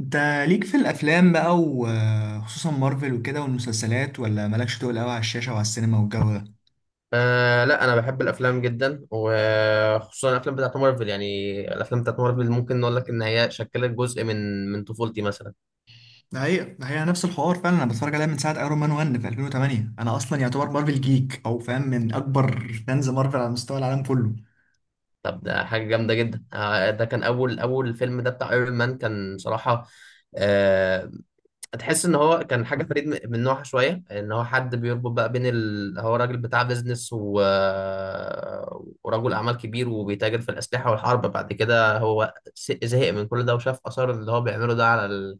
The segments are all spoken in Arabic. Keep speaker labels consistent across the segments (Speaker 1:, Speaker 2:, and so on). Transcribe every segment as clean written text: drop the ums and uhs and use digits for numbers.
Speaker 1: انت ليك في الافلام بقى وخصوصا مارفل وكده والمسلسلات، ولا مالكش تقول قوي على الشاشه وعلى السينما والجو ده؟
Speaker 2: آه لا، انا بحب الافلام جدا، وخصوصا الافلام بتاعت مارفل. يعني الافلام بتاعت مارفل ممكن نقول لك ان هي شكلت جزء من طفولتي مثلا.
Speaker 1: ده حقيقة، ده حقيقة، نفس الحوار فعلا. انا بتفرج عليها من ساعه ايرون مان 1 في 2008. انا اصلا يعتبر مارفل، جيك، او فاهم، من اكبر فانز مارفل على مستوى العالم كله.
Speaker 2: طب ده حاجه جامده جدا. ده كان اول فيلم ده بتاع ايرون مان، كان صراحه آه، تحس ان هو كان حاجه فريد من نوعها شويه. ان هو حد بيربط بقى بين هو راجل بتاع بيزنس ورجل اعمال كبير وبيتاجر في الاسلحه والحرب. بعد كده هو زهق من كل ده، وشاف اثار اللي هو بيعمله ده على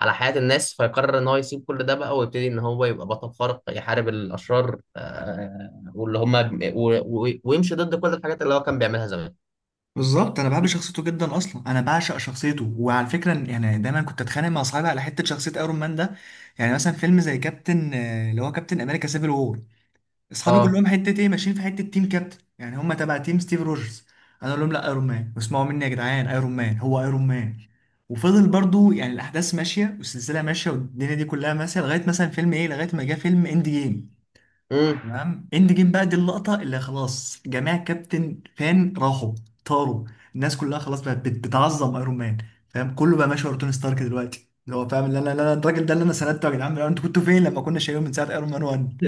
Speaker 2: على حياة الناس، فيقرر ان هو يسيب كل ده بقى ويبتدي ان هو يبقى بطل خارق يحارب الاشرار، واللي هم و- ويمشي ضد كل الحاجات اللي هو كان بيعملها زمان.
Speaker 1: بالظبط، انا بحب شخصيته جدا، اصلا انا بعشق شخصيته. وعلى فكره يعني دايما كنت اتخانق مع صحابي على حته شخصيه ايرون مان ده. يعني مثلا فيلم زي كابتن، اللي هو كابتن امريكا سيفل وور، اصحابي
Speaker 2: اه.
Speaker 1: كلهم حته ايه، ماشيين في حته تيم كابتن، يعني هم تبع تيم ستيف روجرز. انا اقول لهم لا، ايرون مان، واسمعوا مني يا جدعان، ايرون مان هو ايرون مان. وفضل برضو يعني الاحداث ماشيه والسلسله ماشيه والدنيا دي كلها ماشيه لغايه مثلا فيلم ايه، لغايه ما جه فيلم اند جيم.
Speaker 2: امم.
Speaker 1: تمام، اند جيم بقى دي اللقطه اللي خلاص جميع كابتن فان راحوا، طاروا، الناس كلها خلاص بقت بتعظم ايرون مان. فاهم كله بقى ماشي ورا توني ستارك دلوقتي، اللي هو فاهم، اللي انا، الراجل ده اللي انا سندته، يا جدعان انتوا كنتوا فين لما كنا شايلينه من ساعه ايرون مان 1؟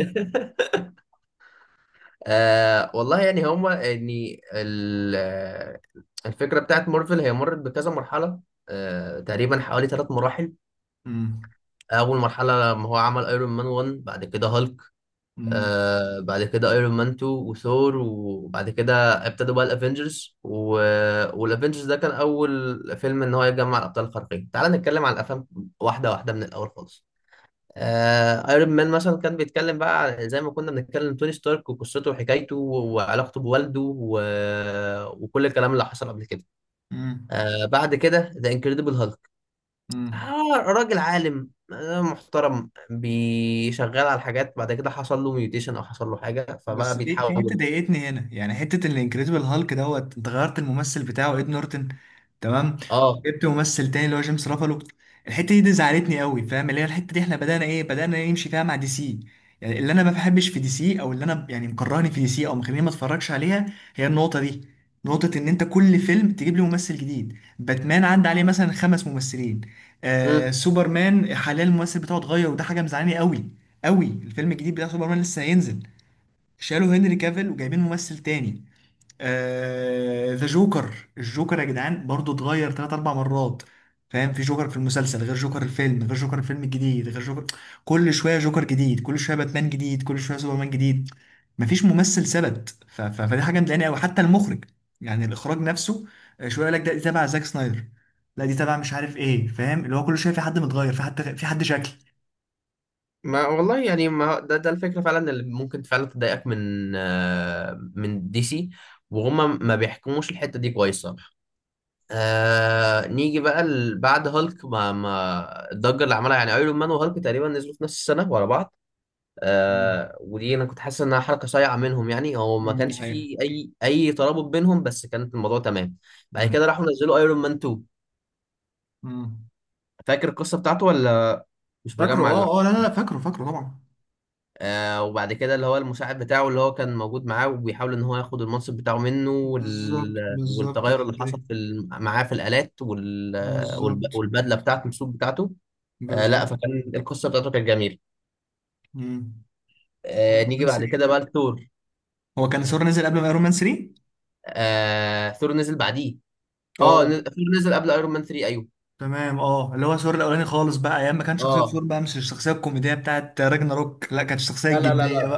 Speaker 2: والله يعني هم يعني الفكرة بتاعت مارفل هي مرت بكذا مرحلة. تقريبا حوالي ثلاث مراحل. اول مرحلة لما هو عمل ايرون مان 1، بعد كده هالك. بعد كده ايرون مان 2 وثور، وبعد كده ابتدوا بقى الافنجرز والافنجرز ده كان اول فيلم ان هو يجمع الابطال الخارقين. تعال نتكلم على الافلام واحده واحده من الاول خالص. ايرون مان مثلا كان بيتكلم بقى زي ما كنا بنتكلم، توني ستارك وقصته وحكايته وعلاقته بوالده وكل الكلام اللي حصل قبل كده.
Speaker 1: مم.
Speaker 2: بعد كده ذا انكريدبل هالك.
Speaker 1: مم.
Speaker 2: راجل عالم آه، محترم بيشغل على حاجات. بعد كده حصل له ميوتيشن او حصل له حاجه، فبقى
Speaker 1: بس في حته
Speaker 2: بيتحول.
Speaker 1: ضايقتني هنا، يعني حته ان انكريدبل هالك دوت انت غيرت الممثل بتاعه اد نورتن، تمام،
Speaker 2: اه.
Speaker 1: جبت ممثل تاني اللي هو جيمس رافالو. الحته دي زعلتني قوي، فاهم؟ اللي هي الحته دي احنا بدانا ايه، بدانا نمشي فيها مع دي سي. يعني اللي انا ما بحبش في دي سي، او اللي انا يعني مكرهني في دي سي او مخليني ما اتفرجش عليها، هي النقطه دي. نقطة إن أنت كل فيلم تجيب لي ممثل جديد، باتمان عدى عليه مثلا خمس ممثلين، آه
Speaker 2: مم.
Speaker 1: سوبرمان حاليا الممثل بتاعه اتغير، وده حاجة مزعلاني قوي قوي. الفيلم الجديد بتاع سوبرمان لسه هينزل، شالوا هنري كافيل وجايبين ممثل تاني. ذا جوكر، الجوكر يا جدعان برضو اتغير تلات أربع مرات، فاهم؟ في جوكر في المسلسل غير جوكر الفيلم غير جوكر الفيلم الجديد غير جوكر. كل شوية جوكر جديد، كل شوية باتمان جديد، كل شوية سوبرمان جديد. مفيش ممثل ثبت فدي حاجة مضايقاني أوي. حتى المخرج، يعني الإخراج نفسه، شوية يقول لك ده دي تبع زاك سنايدر، لا دي تبع مش عارف إيه. فاهم اللي هو كل شوية في حد متغير، في حد شكل.
Speaker 2: ما والله، يعني ما ده الفكره فعلا اللي ممكن فعلا تضايقك من آه من دي سي، وهم ما بيحكموش الحته دي كويس صراحه. نيجي بقى بعد هالك، ما الضجه اللي عملها يعني ايرون مان وهالك، تقريبا نزلوا في نفس السنه ورا بعض.
Speaker 1: مم.
Speaker 2: ودي انا كنت حاسس انها حركه صايعه منهم، يعني هو ما
Speaker 1: مم، دي
Speaker 2: كانش
Speaker 1: حقيقة.
Speaker 2: فيه اي ترابط بينهم، بس كانت الموضوع تمام.
Speaker 1: دي
Speaker 2: بعد
Speaker 1: حقيقة.
Speaker 2: كده راحوا نزلوا ايرون مان 2.
Speaker 1: مم.
Speaker 2: فاكر القصه بتاعته ولا مش
Speaker 1: فاكره،
Speaker 2: مجمع اللحظه؟
Speaker 1: اه اه، لا لا لا، فاكره طبعا.
Speaker 2: وبعد كده اللي هو المساعد بتاعه، اللي هو كان موجود معاه وبيحاول ان هو ياخد المنصب بتاعه منه،
Speaker 1: بالظبط بالظبط
Speaker 2: والتغير اللي
Speaker 1: الحتة
Speaker 2: حصل
Speaker 1: دي.
Speaker 2: في معاه في الآلات
Speaker 1: بالظبط
Speaker 2: والبدله بتاعته، السوق بتاعته. لا،
Speaker 1: بالظبط.
Speaker 2: فكان القصه بتاعته كانت جميله.
Speaker 1: مم. ايرون
Speaker 2: نيجي
Speaker 1: مان
Speaker 2: بعد
Speaker 1: 3
Speaker 2: كده بقى
Speaker 1: برضه.
Speaker 2: لثور.
Speaker 1: هو كان ثور نزل قبل ما ايرون مان 3؟
Speaker 2: ثور نزل بعديه. اه،
Speaker 1: اه.
Speaker 2: ثور نزل قبل ايرون مان 3، ايوه.
Speaker 1: تمام، اه اللي هو ثور الاولاني خالص بقى، ايام ما كان شخصيه ثور
Speaker 2: اه.
Speaker 1: بقى مش الشخصيه الكوميديه بتاعت راجنا روك، لا كانت الشخصيه
Speaker 2: لا لا لا
Speaker 1: الجديه.
Speaker 2: لا،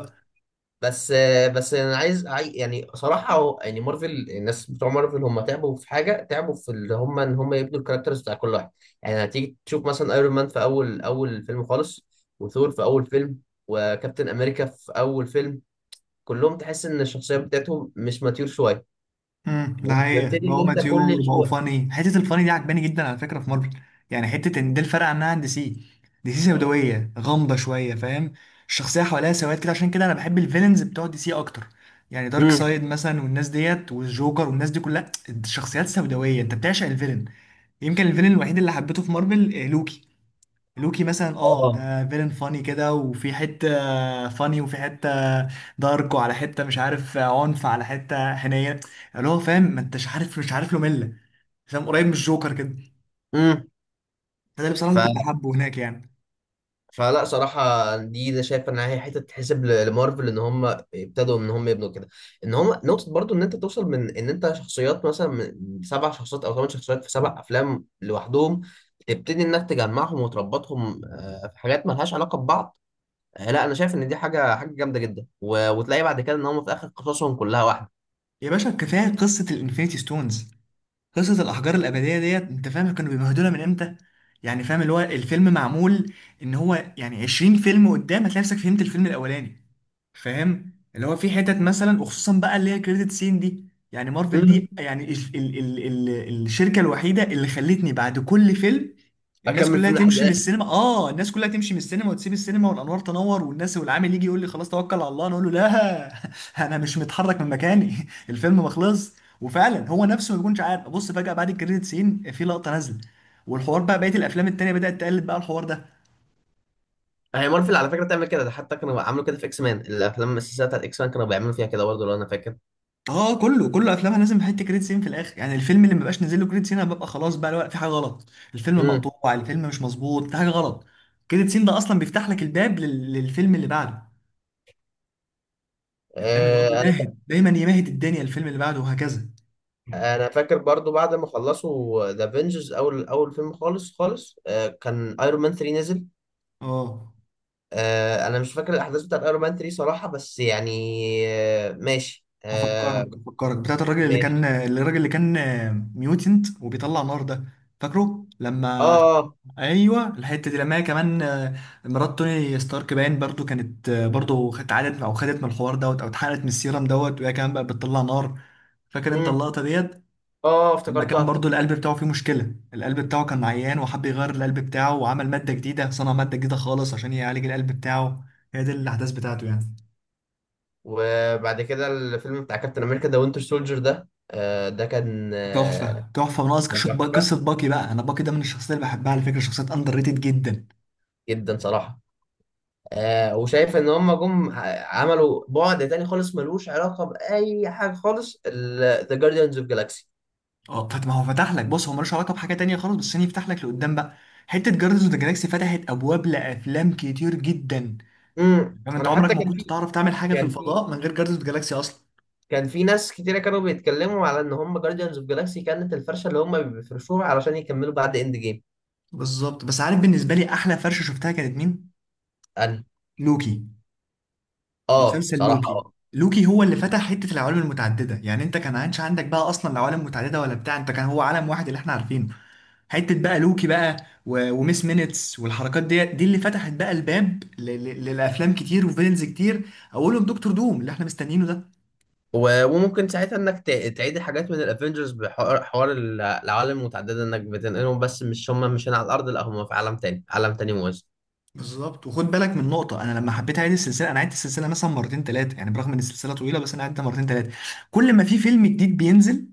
Speaker 2: بس يعني صراحه يعني مارفل، الناس بتوع مارفل، هم تعبوا في حاجه، تعبوا في اللي هم ان هم يبنوا الكاركترز بتاع كل واحد. يعني هتيجي تشوف مثلا ايرون مان في اول فيلم خالص، وثور في اول فيلم، وكابتن امريكا في اول فيلم، كلهم تحس ان الشخصيه بتاعتهم مش ماتيور شويه.
Speaker 1: امم، ده حقيقة،
Speaker 2: وبتبتدي ان
Speaker 1: بقوا
Speaker 2: انت
Speaker 1: ماتيور،
Speaker 2: كل
Speaker 1: بقوا
Speaker 2: شويه.
Speaker 1: فاني. حتة الفاني دي عجباني جدا على فكرة في مارفل. يعني حتة ان ده الفرق عنها عن دي سي. دي سي سوداوية غامضة شوية، فاهم؟ الشخصية حواليها سواد كده، عشان كده انا بحب الفيلنز بتوع دي سي اكتر. يعني دارك
Speaker 2: امم.
Speaker 1: سايد مثلا والناس ديت والجوكر والناس دي كلها شخصيات سوداوية، انت بتعشق الفيلن. يمكن الفيلن الوحيد اللي حبيته في مارفل آه، لوكي. لوكي مثلا اه،
Speaker 2: اه.
Speaker 1: ده فيلن فاني كده، وفي حتة فاني، وفي حتة دارك، وعلى حتة مش عارف عنف، على حتة حنية، اللي هو فاهم، ما انتش عارف، مش عارف له ملة، فاهم؟ قريب من الجوكر كده.
Speaker 2: امم.
Speaker 1: فده اللي بصراحة اللي كنت حابه هناك يعني.
Speaker 2: فلا صراحة، دي أنا شايف إن هي حتة تتحسب لمارفل، إن هم ابتدوا إن هم يبنوا كده. إن هم نقطة برضو، إن أنت توصل من إن أنت شخصيات مثلا من سبع شخصيات أو ثمان شخصيات في سبع أفلام لوحدهم، تبتدي إنك تجمعهم وتربطهم، في حاجات ملهاش علاقة ببعض. لا، أنا شايف إن دي حاجة جامدة جدا، وتلاقي بعد كده إن هم في آخر قصصهم كلها واحدة.
Speaker 1: يا باشا كفاية قصة الانفينيتي ستونز، قصة الأحجار الأبدية ديت، أنت فاهم كانوا بيمهدولها من إمتى؟ يعني فاهم اللي هو الفيلم معمول إن هو يعني 20 فيلم قدام هتلاقي نفسك فهمت الفيلم الأولاني، فاهم؟ اللي هو في حتت مثلا، وخصوصا بقى اللي هي كريدت سين دي. يعني مارفل
Speaker 2: امم.
Speaker 1: دي يعني ال الشركة الوحيدة اللي خلتني بعد كل فيلم الناس
Speaker 2: اكمل
Speaker 1: كلها
Speaker 2: فيلم لحد
Speaker 1: تمشي من
Speaker 2: الاخر.
Speaker 1: السينما، آه الناس كلها تمشي من السينما وتسيب السينما والأنوار تنور، والناس والعامل يجي يقول لي خلاص توكل على الله، أنا أقول له لا. أنا مش متحرك من مكاني. الفيلم ما خلصش. وفعلا هو نفسه ما بيكونش عارف، ابص فجأة بعد الكريدت سين في لقطة نازلة. والحوار بقى بقية الافلام التانية بدأت تقلد بقى الحوار ده.
Speaker 2: هي مارفل على فكره تعمل كده، ده حتى كانوا عملوا كده في اكس مان. الافلام السلسله بتاعت اكس مان كانوا بيعملوا فيها كده برضه لو انا فاكر.
Speaker 1: اه كله، كله افلامها لازم حته كريدت سين في الاخر. يعني الفيلم اللي ما بقاش نازل له كريدت سين انا ببقى خلاص بقى لا، في حاجة غلط، الفيلم مقطوع، الفيلم مش مظبوط، في حاجة غلط. كريدت سين ده اصلا بيفتح لك الباب للفيلم اللي بعده. يعني فاهم اللي هو
Speaker 2: امم.
Speaker 1: بيمهد دايما، يمهد الدنيا الفيلم اللي بعده، وهكذا.
Speaker 2: انا فاكر برضو بعد ما خلصوا ذا افنجرز اول فيلم خالص خالص، كان ايرون مان 3 نزل.
Speaker 1: اه.
Speaker 2: آه، انا مش فاكر الاحداث بتاعت ايرون مان 3 صراحه، بس يعني آه،
Speaker 1: هفكرك، هفكرك بتاعت الراجل اللي كان،
Speaker 2: ماشي.
Speaker 1: الراجل اللي كان ميوتنت وبيطلع نار ده. فاكره
Speaker 2: اه
Speaker 1: لما،
Speaker 2: اه.
Speaker 1: ايوه الحته دي لما هي كمان آه، مرات توني ستارك باين برضو كانت آه، برضو اتعادت او خدت من الحوار دوت او اتحرقت من السيرم دوت، وهي كمان بقى بتطلع نار. فاكر انت
Speaker 2: مم.
Speaker 1: اللقطه ديت
Speaker 2: اه،
Speaker 1: لما
Speaker 2: افتكرتها
Speaker 1: كان
Speaker 2: افتكرت
Speaker 1: برضو القلب بتاعه فيه مشكله، القلب بتاعه كان عيان وحب يغير القلب بتاعه، وعمل ماده جديده، صنع ماده جديده خالص عشان يعالج القلب بتاعه. هي دي الاحداث بتاعته يعني.
Speaker 2: وبعد كده الفيلم بتاع كابتن امريكا، ذا وينتر سولجر ده، آه، ده كان آه،
Speaker 1: تحفه، تحفه، وناقص
Speaker 2: كان تحفه
Speaker 1: قصه باكي بقى. انا باكي ده من الشخصيات اللي بحبها على فكره، شخصيات اندر ريتد جدا.
Speaker 2: جدا صراحه. وشايف ان هم جم عملوا بعد تاني خالص ملوش علاقه باي حاجه خالص، ذا جارديانز اوف جالاكسي.
Speaker 1: اه طب ما هو فتح لك، بص هو ملوش علاقه بحاجه تانية خالص بس عشان يفتح لك لقدام بقى. حته جاردنز اوف ذا جالاكسي فتحت ابواب لافلام كتير جدا.
Speaker 2: امم.
Speaker 1: فاهم انت
Speaker 2: انا
Speaker 1: عمرك
Speaker 2: حتى
Speaker 1: ما
Speaker 2: كان
Speaker 1: كنت
Speaker 2: في
Speaker 1: تعرف تعمل حاجه في
Speaker 2: كان في
Speaker 1: الفضاء من غير جاردنز اوف ذا جالاكسي اصلا.
Speaker 2: كان في ناس كتيرة كانوا بيتكلموا على ان هم جارديانز اوف جالاكسي كانت الفرشه اللي هم بيفرشوها علشان يكملوا بعد اند جيم.
Speaker 1: بالظبط، بس عارف بالنسبه لي احلى فرشه شفتها كانت مين؟
Speaker 2: انا.
Speaker 1: لوكي،
Speaker 2: اه،
Speaker 1: مسلسل
Speaker 2: بصراحه
Speaker 1: لوكي.
Speaker 2: اه.
Speaker 1: لوكي هو اللي فتح حته العوالم المتعدده. يعني انت كان عادش عندك بقى اصلا العوالم المتعدده ولا بتاع، انت كان هو عالم واحد اللي احنا عارفينه. حته بقى لوكي بقى، وميس مينيتس والحركات دي، دي اللي فتحت بقى الباب للافلام كتير وفيلنز كتير، اولهم دكتور دوم اللي احنا مستنيينه ده.
Speaker 2: وممكن ساعتها انك تعيد حاجات من الافنجرز بحوار العوالم المتعدده، انك بتنقلهم، بس مش هم مش هنا على الارض، لا هم في عالم تاني، عالم تاني موازي.
Speaker 1: بالظبط، وخد بالك من نقطه. انا لما حبيت اعيد السلسله انا عدت السلسله مثلا مرتين ثلاثه. يعني برغم ان السلسله طويله بس انا عدتها مرتين ثلاثه. كل ما في فيلم جديد بينزل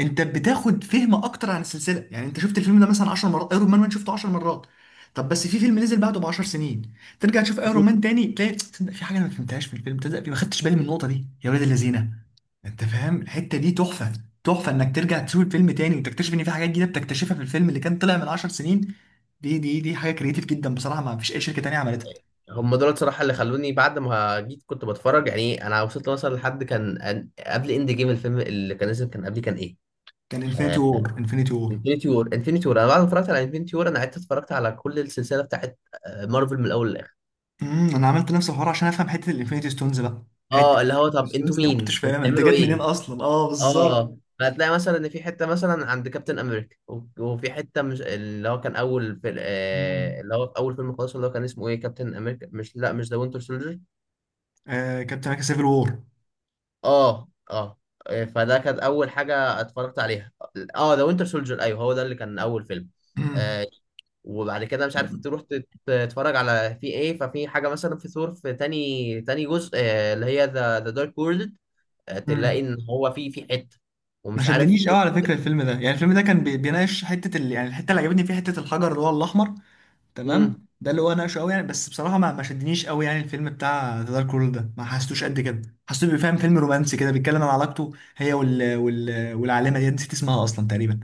Speaker 1: انت بتاخد فهم اكتر عن السلسله. يعني انت شفت الفيلم ده مثلا 10 مرات، ايرون مان شفته 10 مرات، طب بس في فيلم نزل بعده ب 10 سنين، ترجع تشوف ايرون
Speaker 2: مم.
Speaker 1: مان تاني، تلاقي تصدق في حاجه انا ما فهمتهاش في الفيلم، تصدق ما خدتش بالي من النقطه دي يا ولاد اللذينه. انت فاهم الحته دي تحفه. تحفه انك ترجع تشوف الفيلم تاني وتكتشف ان في حاجات جديده بتكتشفها في الفيلم اللي كان طلع من 10 سنين. دي حاجه كريتيف جدا بصراحه، ما فيش اي شركه تانيه عملتها.
Speaker 2: هم دول صراحه اللي خلوني. بعد ما جيت كنت بتفرج، يعني انا وصلت مثلا لحد كان قبل اند جيم. الفيلم اللي كان نزل كان قبلي كان ايه؟
Speaker 1: كان انفينيتي
Speaker 2: آه.
Speaker 1: وور، انفينيتي وور.
Speaker 2: انفينيتي وور، انا بعد ما اتفرجت على انفينيتي وور، انا قعدت اتفرجت على كل السلسله بتاعت آه، مارفل من الاول للاخر.
Speaker 1: امم، انا عملت نفس الحوار عشان افهم حته الانفينيتي ستونز بقى. حته
Speaker 2: اه، اللي هو
Speaker 1: الانفينيتي
Speaker 2: طب انتوا
Speaker 1: ستونز دي ما كنتش
Speaker 2: مين
Speaker 1: فاهمها انت
Speaker 2: وبتعملوا
Speaker 1: جت منين
Speaker 2: ايه؟
Speaker 1: اصلا، اه بالظبط.
Speaker 2: اه، فهتلاقي مثلا ان في حته مثلا عند كابتن امريكا، وفي حته مش اللي هو كان اول في آه
Speaker 1: امم.
Speaker 2: اللي هو في اول فيلم خالص، اللي هو كان اسمه ايه، كابتن امريكا مش لا مش ذا وينتر سولجر.
Speaker 1: آه كابتن امريكا سيفل وور.
Speaker 2: اه اه. فده كانت اول حاجه اتفرجت عليها. اه، ذا وينتر سولجر، ايوه هو ده اللي كان اول فيلم.
Speaker 1: امم.
Speaker 2: آه. وبعد كده مش عارف تروح تتفرج على في ايه، ففي حاجه مثلا في ثور في تاني جزء، اللي هي ذا دارك وورلد.
Speaker 1: امم،
Speaker 2: تلاقي ان هو في حته،
Speaker 1: ما
Speaker 2: ومش عارف.
Speaker 1: شدنيش قوي على فكره الفيلم ده. يعني الفيلم ده كان بيناقش حته يعني الحته اللي عجبتني فيها حته الحجر اللي هو الاحمر،
Speaker 2: امم.
Speaker 1: تمام، ده اللي هو ناقشه قوي يعني. بس بصراحه ما شدنيش قوي. يعني الفيلم بتاع ذا دارك وورلد ده ما حسيتوش قد كده، حسيته بيفهم فيلم رومانسي كده، بيتكلم عن علاقته هي والعالمه دي نسيت اسمها اصلا تقريبا.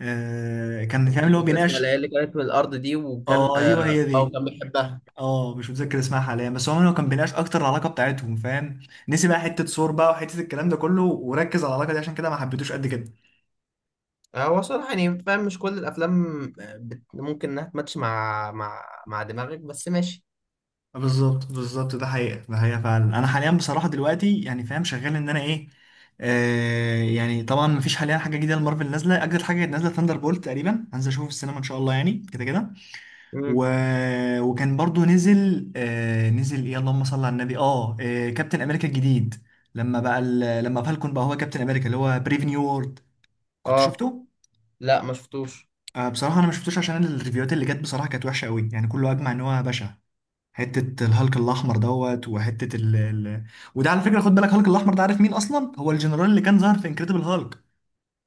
Speaker 1: آه كان فاهم
Speaker 2: مش
Speaker 1: اللي هو
Speaker 2: فاكر اسمها، اللي
Speaker 1: بيناقش.
Speaker 2: هي اللي كانت من الارض دي، وكان
Speaker 1: اه ايوه هي دي.
Speaker 2: وكان بيحبها.
Speaker 1: اه مش متذكر اسمها حاليا، بس عموما هو كان بيناقش اكتر العلاقه بتاعتهم، فاهم؟ نسي بقى حته صور بقى وحته الكلام ده كله وركز على العلاقه دي، عشان كده ما حبيتوش قد كده.
Speaker 2: هو صراحه يعني فاهم مش كل الافلام آه، ممكن انها تماتش مع مع دماغك، بس ماشي.
Speaker 1: بالظبط بالظبط، ده حقيقه، ده حقيقه فعلا. انا حاليا بصراحه دلوقتي يعني فاهم شغال ان انا ايه، آه يعني طبعا مفيش حاليا حاجه جديده لمارفل نازله. اجدد حاجه نازله ثاندر بولت تقريبا هنزل اشوفه في السينما ان شاء الله، يعني كده كده.
Speaker 2: امم.
Speaker 1: و... وكان برضو نزل آه نزل ايه، اللهم صل على النبي، آه كابتن امريكا الجديد. لما بقى لما فالكون بقى هو كابتن امريكا، اللي هو بريف نيو وورلد، كنت
Speaker 2: اه،
Speaker 1: شفته؟
Speaker 2: لا ما شفتوش.
Speaker 1: آه بصراحه انا ما شفتوش عشان الريفيوهات اللي جت بصراحه كانت وحشه قوي، يعني كله اجمع ان هو بشع. حته الهالك الاحمر دوت وحته وده على فكره خد بالك هالك الاحمر ده عارف مين اصلا؟ هو الجنرال اللي كان ظاهر في انكريدبل هالك.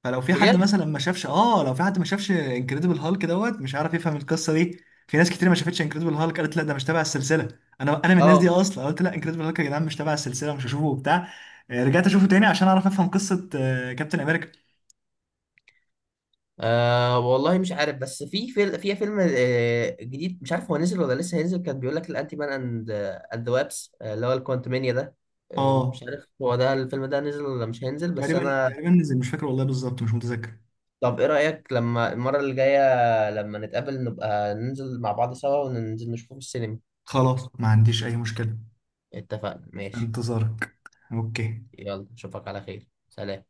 Speaker 1: فلو في حد
Speaker 2: بجد؟
Speaker 1: مثلا ما شافش، اه لو في حد ما شافش انكريدبل هالك دوت مش عارف يفهم القصه دي. في ناس كتير ما شافتش انكريدبل هالك قالت لا ده مش تبع السلسله. انا من الناس دي
Speaker 2: اه.
Speaker 1: اصلا قلت لا انكريدبل هالك يا جدعان مش تبع السلسله مش هشوفه وبتاع. آه، رجعت اشوفه تاني عشان اعرف افهم قصه آه، كابتن امريكا.
Speaker 2: أه والله مش عارف، بس في في فيلم آه، جديد، مش عارف هو نزل ولا لسه هينزل، كان بيقول لك الانتي مان اند ذا وابس اللي هو الكوانتمانيا ده.
Speaker 1: اه
Speaker 2: مش عارف هو ده الفيلم ده نزل ولا مش هينزل، بس
Speaker 1: تقريبا
Speaker 2: انا.
Speaker 1: تقريبا نزل، مش فاكر والله بالظبط، مش متذكر.
Speaker 2: طب ايه رأيك لما المرة اللي جاية لما نتقابل نبقى ننزل مع بعض سوا وننزل نشوفه في السينما؟
Speaker 1: خلاص، ما عنديش اي مشكله.
Speaker 2: اتفقنا، ماشي.
Speaker 1: انتظارك. اوكي.
Speaker 2: يلا، اشوفك على خير، سلام.